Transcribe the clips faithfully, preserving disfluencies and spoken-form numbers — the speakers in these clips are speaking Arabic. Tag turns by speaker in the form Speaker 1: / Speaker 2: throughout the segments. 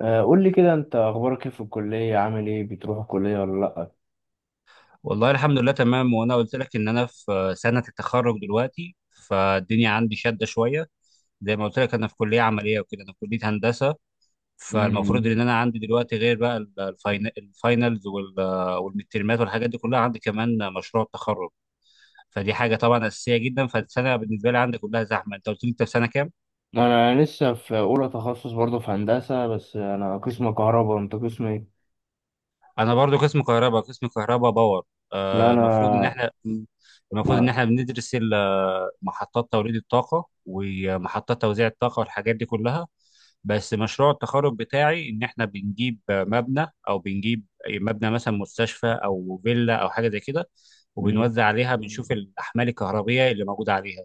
Speaker 1: آه، قول لي كده، انت اخبارك ايه في الكليه؟ عامل ايه؟ بتروح الكليه ولا لا؟
Speaker 2: والله الحمد لله تمام. وانا قلت لك ان انا في سنة التخرج دلوقتي، فالدنيا عندي شادة شوية. زي ما قلت لك انا في كلية عملية وكده، انا في كلية هندسة. فالمفروض
Speaker 1: امم.
Speaker 2: ان انا عندي دلوقتي غير بقى ال- الفاين- الفاينلز وال- والمترمات والحاجات دي كلها، عندي كمان مشروع التخرج. فدي حاجة طبعا أساسية جدا، فالسنة بالنسبة لي عندي كلها زحمة. انت قلت لي انت في سنة كام؟
Speaker 1: انا لسه في اولى تخصص، برضه في هندسه، بس انا قسم كهرباء. انت قسم ايه؟
Speaker 2: انا برضو قسم كهرباء، قسم كهرباء باور.
Speaker 1: لا
Speaker 2: آه،
Speaker 1: انا
Speaker 2: المفروض ان احنا، المفروض ان
Speaker 1: ما
Speaker 2: احنا بندرس ال- محطات توليد الطاقه ومحطات توزيع الطاقه والحاجات دي كلها. بس مشروع التخرج بتاعي ان احنا بنجيب مبنى او بنجيب مبنى مثلا، مستشفى او فيلا او حاجه زي كده،
Speaker 1: مم.
Speaker 2: وبنوزع عليها، بنشوف الاحمال الكهربيه اللي موجوده عليها.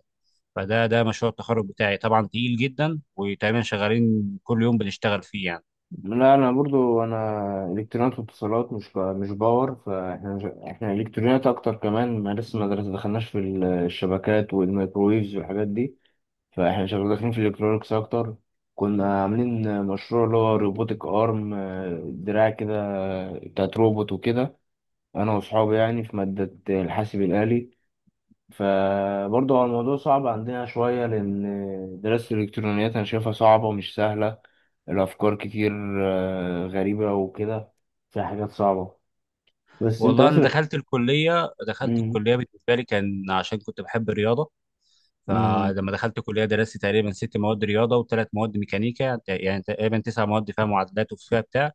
Speaker 2: فده ده مشروع التخرج بتاعي، طبعا تقيل جدا وتقريبا شغالين كل يوم بنشتغل فيه يعني.
Speaker 1: لا انا برضه انا الكترونيات واتصالات، مش ب... مش باور. فاحنا مش... احنا الكترونيات اكتر. كمان ما لسه ما درس- دخلناش في ال- الشبكات والميكرويفز والحاجات دي. فاحنا شغالين داخلين في الالكترونكس اكتر. كنا عاملين مشروع اللي هو روبوتك ارم، آه، دراع كده بتاعت روبوت وكده، انا واصحابي يعني، في مادة الحاسب الآلي. فبرضه هو الموضوع صعب عندنا شوية، لأن دراسة الإلكترونيات أنا شايفها صعبة ومش سهلة، الأفكار كتير آه، غريبة وكده، فيها حاجات صعبة. بس أنت
Speaker 2: والله انا
Speaker 1: مثلا...
Speaker 2: دخلت الكليه دخلت
Speaker 1: مم.
Speaker 2: الكليه بالنسبه لي كان عشان كنت بحب الرياضه.
Speaker 1: مم.
Speaker 2: فلما دخلت الكليه درست تقريبا ست مواد رياضه وثلاث مواد ميكانيكا، يعني تقريبا تسع مواد فيها معادلات وفيها بتاع.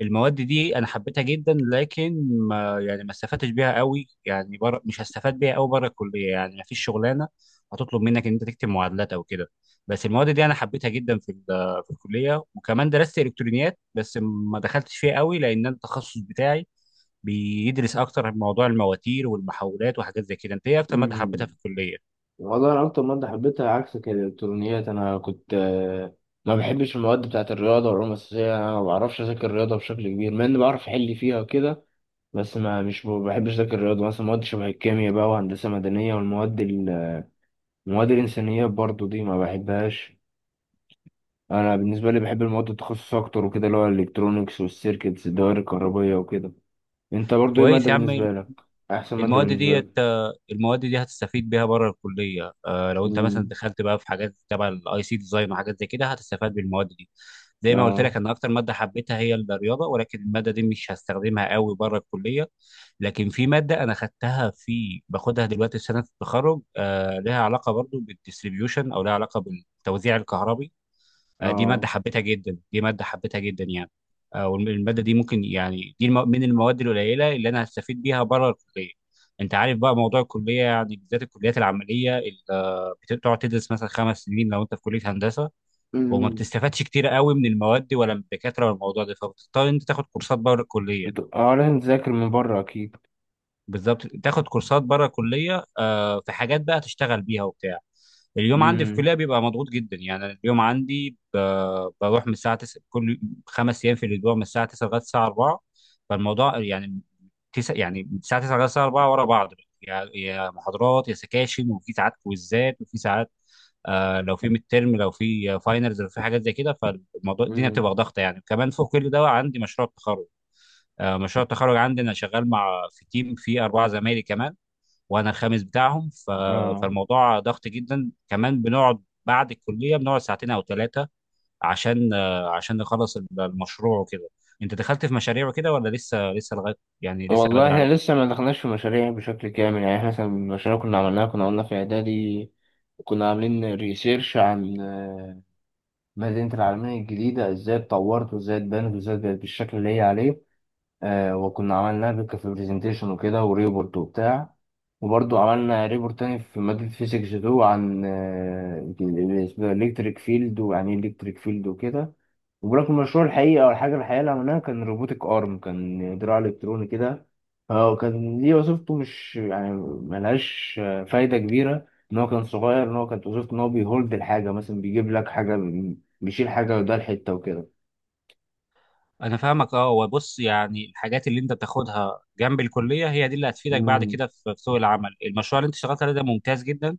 Speaker 2: المواد دي انا حبيتها جدا، لكن ما يعني ما استفدتش بيها قوي يعني بره، مش هستفاد بيها قوي بره الكليه، يعني ما فيش شغلانه هتطلب منك ان انت تكتب معادلات او كده. بس المواد دي انا حبيتها جدا في ال- في الكليه. وكمان درست الكترونيات بس ما دخلتش فيها قوي، لان أنا التخصص بتاعي بيدرس اكتر عن موضوع المواتير والمحولات وحاجات زي كده. انت ايه اكتر ماده حبيتها
Speaker 1: مم.
Speaker 2: في الكليه؟
Speaker 1: والله أنا أكتر مادة حبيتها عكسك هي الإلكترونيات. أنا كنت، آه، ما بحبش المواد بتاعة الرياضة والعلوم الأساسية، أنا ما بعرفش أذاكر الرياضة بشكل كبير مع إني بعرف أحل فيها وكده. بس ما مش ب- بحبش أذاكر الرياضة، مثلا مواد شبه الكيمياء بقى، وهندسة مدنية، والمواد ال- المواد الإنسانية برضو دي ما بحبهاش. أنا بالنسبة لي بحب المواد التخصص أكتر وكده، اللي هو الإلكترونيكس والسيركتس، الدوائر الكهربية وكده. أنت برضو إيه
Speaker 2: كويس
Speaker 1: مادة
Speaker 2: يا عم.
Speaker 1: بالنسبة لك؟ أحسن مادة
Speaker 2: المواد
Speaker 1: بالنسبة
Speaker 2: ديت،
Speaker 1: لك؟
Speaker 2: المواد دي هتستفيد بيها بره الكليه. آه، لو انت مثلا
Speaker 1: مم.
Speaker 2: دخلت بقى في حاجات تبع الاي سي ديزاين وحاجات زي كده، هتستفاد بالمواد دي. زي ما قلت
Speaker 1: آه.
Speaker 2: لك، انا اكتر ماده حبيتها هي الرياضه، ولكن الماده دي مش هستخدمها قوي بره الكليه. لكن في ماده انا خدتها، في باخدها دلوقتي في سنه التخرج، آه، لها علاقه برضو بالديستريبيوشن او لها علاقه بالتوزيع الكهربي. آه، دي ماده
Speaker 1: آه.
Speaker 2: حبيتها جدا، دي ماده حبيتها جدا يعني. آه، والماده دي ممكن يعني، دي الم- من المواد القليله اللي انا هستفيد بيها بره الكليه. انت عارف بقى موضوع الكليه يعني، بالذات الكليات العمليه اللي آه، بتقعد تدرس مثلا خمس سنين لو انت في كليه هندسه، وما بتستفادش كتير قوي من المواد ولا من الدكاتره ولا الموضوع ده، فبتضطر انت تاخد كورسات بره الكليه.
Speaker 1: انتوا اه لازم تذاكر من بره اكيد.
Speaker 2: بالظبط، تاخد كورسات بره الكليه. آه، في حاجات بقى تشتغل بيها وبتاع. اليوم عندي في
Speaker 1: امم.
Speaker 2: الكليه بيبقى مضغوط جدا يعني، أنا اليوم عندي، ب- بروح من الساعه تسعة كل خمس ايام في الاسبوع، من الساعه تسعة لغايه الساعه أربعة. فالموضوع يعني، تسع يعني من الساعه تسعة لغايه الساعه الرابعة ورا بعض، يعني يا محاضرات يا سكاشن، وفي ساعات كويزات، وفي ساعات آه لو في ميد ترم، لو في فاينلز، لو في حاجات زي كده. فالموضوع الدنيا
Speaker 1: امم.
Speaker 2: بتبقى ضغطه يعني. كمان فوق كل ده عندي مشروع التخرج. آه، مشروع التخرج عندي، انا شغال مع، في تيم فيه اربعه زمايلي كمان وانا الخامس بتاعهم ف...
Speaker 1: اه.
Speaker 2: فالموضوع ضغط جدا. كمان بنقعد بعد الكليه، بنقعد ساعتين او ثلاثه عشان آه، عشان نخلص ال- المشروع وكده. انت دخلت في مشاريع وكده ولا لسه لسه لغايه يعني لسه
Speaker 1: والله
Speaker 2: بدري عليك؟
Speaker 1: احنا لسه ما دخلناش في مشاريع بشكل كامل، يعني احنا مثلا المشاريع كنا عملناها، كنا قلنا في اعدادي كنا عاملين ريسيرش عن آه، مدينة العالمية الجديدة، ازاي اتطورت وازاي اتبنت وازاي بقت بالشكل اللي هي عليه. آه وكنا عملناها بك في برزنتيشن وكده وريبورت وبتاع. وبرضو عملنا ريبورت تاني في مادة فيزيكس اتنين عن الإلكتريك فيلد، ويعني إيه إلكتريك فيلد وكده. وبرك المشروع الحقيقي أو الحاجة الحقيقية اللي عملناها كان روبوتك أرم، كان دراع إلكتروني كده. هو كان دي وظيفته مش يعني ملهاش آه، فايدة كبيرة، إن هو كان صغير، إن هو كانت وظيفته إن هو بيهولد الحاجة، مثلا بيجيب لك حاجة، بيشيل حاجة، وده الحتة
Speaker 2: انا فاهمك. اه وبص، يعني الحاجات اللي انت بتاخدها جنب الكليه هي دي اللي هتفيدك بعد
Speaker 1: وكده.
Speaker 2: كده في في سوق العمل. المشروع اللي انت اشتغلت عليه ده ممتاز جدا،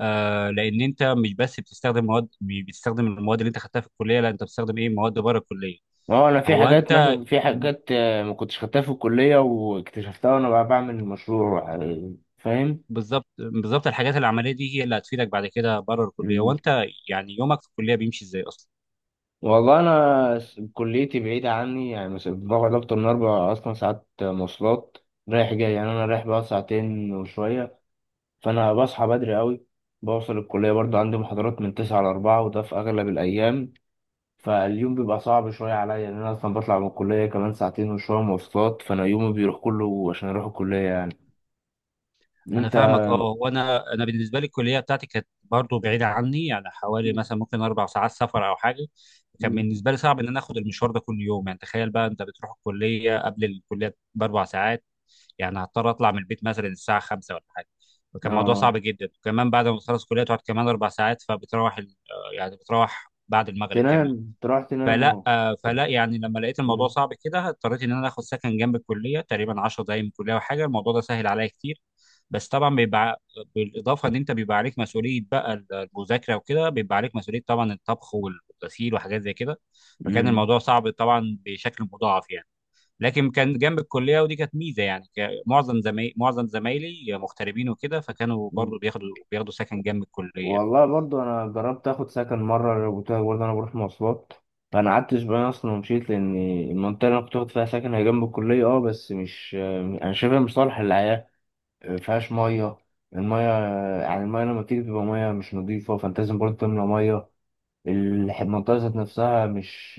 Speaker 2: آه، لان انت مش بس بتستخدم مواد، مش بتستخدم المواد اللي انت خدتها في الكليه، لا انت بتستخدم ايه، مواد بره الكليه.
Speaker 1: اه، انا في
Speaker 2: هو
Speaker 1: حاجات
Speaker 2: انت.
Speaker 1: مثلا، في
Speaker 2: مم.
Speaker 1: حاجات آه، ما كنتش خدتها في الكليه واكتشفتها وانا بقى بعمل المشروع، آه، فاهم.
Speaker 2: بالظبط بالظبط، الحاجات العمليه دي هي اللي هتفيدك بعد كده بره الكليه.
Speaker 1: مم.
Speaker 2: وانت يعني يومك في الكليه بيمشي ازاي اصلا؟
Speaker 1: والله انا س- كليتي بعيده عني، يعني مثلا بقعد اكتر من اربع اصلا ساعات مواصلات، رايح جاي، يعني انا رايح بقى ساعتين وشويه، فانا بصحى بدري قوي، بوصل الكليه، برضو عندي محاضرات من تسعة لأربعة، وده في اغلب الايام. فاليوم بيبقى صعب شويه عليا لان انا اصلا بطلع من الكليه كمان ساعتين وشويه مواصلات، فانا يومي بيروح كله عشان اروح الكليه يعني.
Speaker 2: انا
Speaker 1: انت...
Speaker 2: فاهمك اه. وانا انا بالنسبه لي الكليه بتاعتي كانت برضو بعيده عني، يعني حوالي مثلا ممكن اربع ساعات سفر او حاجه. كان
Speaker 1: مم.
Speaker 2: بالنسبه لي صعب ان انا اخد المشوار ده كل يوم. يعني تخيل بقى انت بتروح الكليه قبل الكليه باربع ساعات، يعني هضطر اطلع من البيت مثلا الساعه خمسة ولا حاجه، فكان الموضوع
Speaker 1: اه،
Speaker 2: صعب جدا. وكمان بعد ما بتخلص الكليه تقعد كمان اربع ساعات، فبتروح ال- آه، يعني بتروح بعد المغرب
Speaker 1: تنام
Speaker 2: كمان.
Speaker 1: تروح تنام اهو.
Speaker 2: فلا آه، فلا يعني لما لقيت الموضوع
Speaker 1: مم.
Speaker 2: صعب كده، اضطريت ان انا اخد سكن جنب الكليه، تقريبا عشر دقايق من الكليه وحاجه. الموضوع ده سهل عليا كتير. بس طبعا بيبقى، بالاضافه ان انت بيبقى عليك مسؤوليه بقى المذاكره وكده، بيبقى عليك مسؤوليه طبعا الطبخ والغسيل وحاجات زي كده، فكان
Speaker 1: مم.
Speaker 2: الموضوع صعب طبعا بشكل مضاعف يعني. لكن كان جنب الكليه ودي كانت ميزه، يعني ك- معظم زمايلي معظم زمايلي مغتربين وكده، فكانوا
Speaker 1: مم.
Speaker 2: برضو بياخدوا بياخدوا سكن جنب الكليه.
Speaker 1: والله برضو انا جربت اخد سكن مره، قلت لك، برضو انا بروح مواصلات، فانا قعدت اسبوعين اصلا ومشيت، لان المنطقه اللي انا كنت واخد فيها سكن هي جنب الكليه، اه بس مش... انا شايفها مش صالح للحياه، مفيهاش ميه، الميه، يعني الميه لما بتيجي بتبقى ميه مش نظيفه، فانت لازم برضو تملى ميه. الح- المنطقه ذات نفسها مش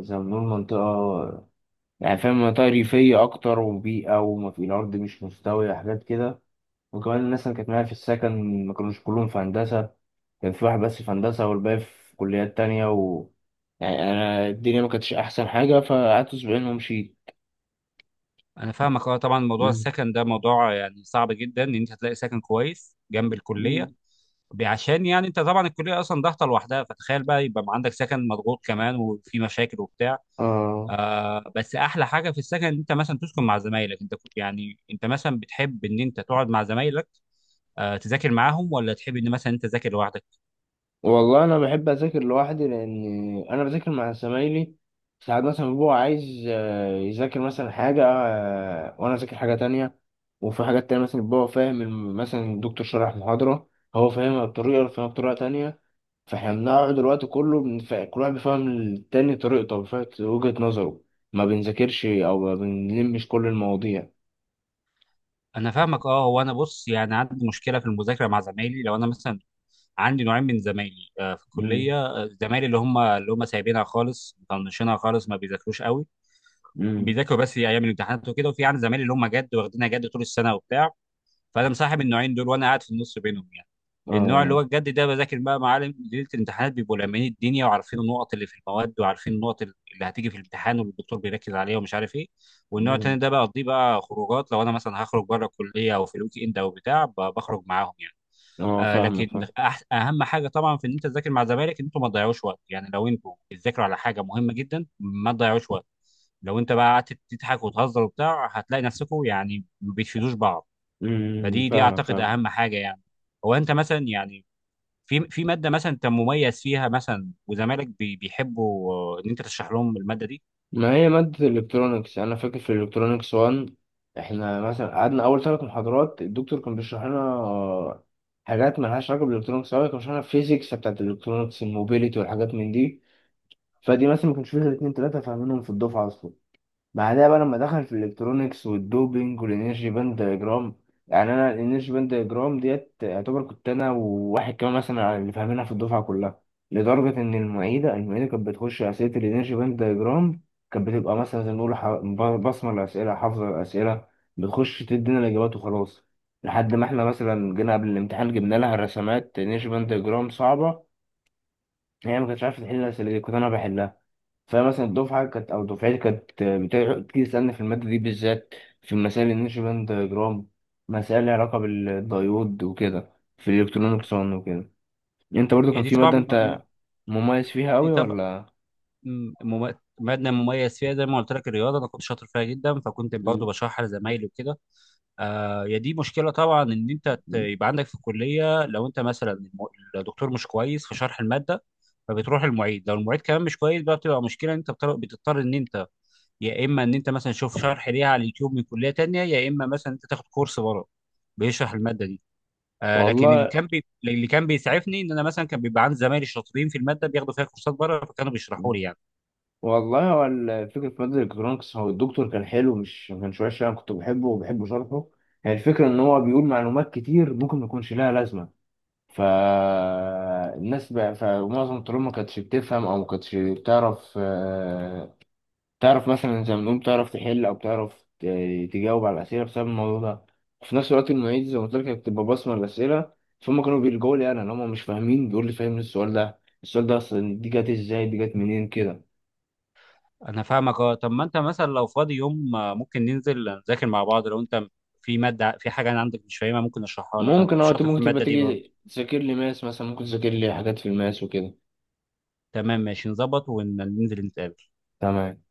Speaker 1: زي ما بنقول منطقه، يعني فاهم، منطقة ريفية أكتر وبيئة، وما في الأرض مش مستوية، حاجات كده. وكمان الناس اللي كانت معايا في السكن ما كانوش كلهم في هندسة، كان في واحد بس في هندسة والباقي في كليات تانية، و يعني أنا الدنيا ما كانتش أحسن حاجة، فقعدت أسبوعين ومشيت.
Speaker 2: انا فاهمك اه. طبعا موضوع
Speaker 1: مم.
Speaker 2: السكن ده موضوع يعني صعب جدا ان انت تلاقي سكن كويس جنب الكليه،
Speaker 1: مم.
Speaker 2: ب- عشان يعني انت طبعا الكليه اصلا ضغطه لوحدها، فتخيل بقى يبقى عندك سكن مضغوط كمان وفي مشاكل وبتاع.
Speaker 1: آه.
Speaker 2: آه بس احلى حاجه في السكن ان انت مثلا تسكن مع زمايلك. انت كنت- يعني انت مثلا بتحب ان انت تقعد مع زمايلك، آه تذاكر معاهم، ولا تحب ان مثلا انت تذاكر لوحدك؟
Speaker 1: والله انا بحب اذاكر لوحدي لان انا بذاكر مع زمايلي، ساعات مثلا بيبقى عايز آه، يذاكر مثلا حاجه، آه، وانا اذاكر حاجه تانية. وفي حاجات تانية مثلا بيبقى هو فاهم الم- مثلا الدكتور شرح محاضره، هو فاهمها بطريقه وأنا فاهمها بطريقه تانية، فاحنا بنقعد الوقت كله، بنف- كل واحد بيفهم التاني طريقته، بيفهم وجهه نظره، ما بنذاكرش او ما بنلمش كل المواضيع.
Speaker 2: انا فاهمك اه. هو انا بص، يعني عندي مشكله في المذاكره مع زمايلي. لو انا مثلا، عندي نوعين من زمايلي، آه، في
Speaker 1: امم.
Speaker 2: الكليه، آه، زمايلي اللي هم اللي هم سايبينها خالص، مطنشينها خالص، ما بيذاكروش قوي،
Speaker 1: امم.
Speaker 2: وبيذاكروا بس ايام الامتحانات وكده. وفي عندي زمايلي اللي هم جد، واخدينها جد طول السنه وبتاع. فانا مصاحب النوعين دول وانا قاعد في النص بينهم يعني. النوع اللي هو
Speaker 1: اه.
Speaker 2: الجد ده، بذاكر بقى معالم ليله الامتحانات، بيبقوا لامين الدنيا وعارفين النقط اللي في المواد، وعارفين النقط اللي هتيجي في الامتحان، والدكتور بيركز عليها ومش عارف ايه. والنوع
Speaker 1: امم.
Speaker 2: التاني ده بقضيه بقى خروجات، لو انا مثلا هخرج بره الكليه او في الويك اند او بتاع، ب- بخرج معاهم يعني.
Speaker 1: اه.
Speaker 2: آه
Speaker 1: فاهمك.
Speaker 2: لكن
Speaker 1: فاهم.
Speaker 2: أح اهم حاجه طبعا في ان انت تذاكر مع زمايلك، ان انتوا ما تضيعوش وقت. يعني لو انتوا بتذاكروا على حاجه مهمه جدا، ما تضيعوش وقت. لو انت بقى قعدت تضحك وتهزر وبتاع، هتلاقي نفسكم يعني ما بتفيدوش بعض.
Speaker 1: امم.
Speaker 2: فدي، دي
Speaker 1: فاهمك.
Speaker 2: اعتقد
Speaker 1: فاهمك.
Speaker 2: اهم حاجه يعني. هو انت مثلا يعني، في في ماده مثلا انت مميز فيها مثلا، وزمالك بي- بيحبوا آه، ان انت تشرح لهم الماده دي.
Speaker 1: ما هي مادة الإلكترونيكس أنا فاكر في الإلكترونيكس واحد، إحنا مثلا قعدنا أول ثلاث محاضرات الدكتور كان بيشرح لنا آه، حاجات مالهاش علاقة بالإلكترونيكس أوي، كان بيشرح لنا الفيزيكس بتاعت الإلكترونيكس، الموبيليتي والحاجات من دي. فدي مثلا ما كانش فيها اتنين تلاتة فاهمينهم في الدفعة أصلا. بعدها بقى لما دخل في الالكترونيكس والدوبينج والانرجي باند دايجرام، يعني انا الانرجي باند دايجرام ديت يعتبر كنت انا وواحد كمان مثلا اللي فاهمينها في الدفعه كلها، لدرجه ان المعيده المعيده كانت بتخش اسئله الانرجي باند دايجرام، كانت بتبقى مثلا زي ما نقول ح- ب- بصمه الاسئله، حافظه الاسئله، بتخش تدينا الاجابات وخلاص. لحد ما احنا مثلا جينا قبل الامتحان، جبنا لها الرسمات انرجي باند دايجرام صعبه، هي ما كانتش عارفه تحل الاسئله دي، كنت انا بحلها. فمثلا الدفعة كانت أو دفعتي كانت بتاع- بتيجي تسألني في المادة دي بالذات، في مسائل النيوتن باند دايجرام، مسائل لها علاقة بالديود وكده في الإلكترونيكس وكده. أنت برضو
Speaker 2: هي
Speaker 1: كان
Speaker 2: دي
Speaker 1: في مادة
Speaker 2: طبعا،
Speaker 1: أنت مميز فيها
Speaker 2: دي
Speaker 1: أوي
Speaker 2: طبعا
Speaker 1: ولا؟
Speaker 2: م- مم- ماده مميز فيها، زي ما قلت لك الرياضه، انا كنت شاطر فيها جدا، فكنت برضه
Speaker 1: مم.
Speaker 2: بشرحها لزمايلي وكده. آه هي دي مشكله طبعا، ان انت ت- يبقى عندك في الكليه لو انت مثلا الم- الدكتور مش كويس في شرح الماده، فبتروح المعيد، لو المعيد كمان مش كويس بقى، بتبقى مشكله. ان انت بتضطر بتضطر ان انت يا اما ان انت مثلا تشوف شرح ليها على اليوتيوب من كليه تانية، يا اما مثلا انت تاخد كورس بره بيشرح الماده دي. آه لكن اللي
Speaker 1: والله
Speaker 2: كان بي... اللي كان بيسعفني، ان انا مثلا كان بيبقى عندي زمايلي شاطرين في الماده، بياخدوا فيها كورسات بره، فكانوا بيشرحوا لي يعني.
Speaker 1: والله، هو الفكرة في مادة الإلكترونيكس، هو الدكتور كان حلو، مش ما كانش وحش، أنا كنت بحبه وبحب شرحه. هي الفكرة إن هو بيقول معلومات كتير ممكن ما يكونش لها لازمة، فالناس بقى، فمعظم الطلاب ما كانتش بتفهم او ما كانتش بتعرف، آه، تعرف مثلا زي ما بنقول تعرف تحل او تعرف ت- تجاوب على الاسئله، بسبب الموضوع ده. وفي نفس الوقت المعيد زي ما قلت لك كانت بتبقى بصمه الاسئله، فهم كانوا بيلجؤوا لي انا، ان هم مش فاهمين بيقول لي فاهم السؤال ده، السؤال ده اصلا دي جت ازاي، دي جت منين كده.
Speaker 2: انا فاهمك اه. طب ما انت مثلا لو فاضي يوم، آه، ممكن ننزل نذاكر مع بعض. لو انت في ماده، في حاجه انا عندك مش فاهمها، ممكن اشرحها لك، انا
Speaker 1: ممكن
Speaker 2: كنت
Speaker 1: وقت
Speaker 2: شاطر في
Speaker 1: ممكن تبقى
Speaker 2: الماده دي برضه.
Speaker 1: تيجي تذاكر لي ماس مثلا، ممكن تذاكر لي حاجات في الماس وكده.
Speaker 2: تمام، ماشي نظبط وننزل نتقابل.
Speaker 1: تمام.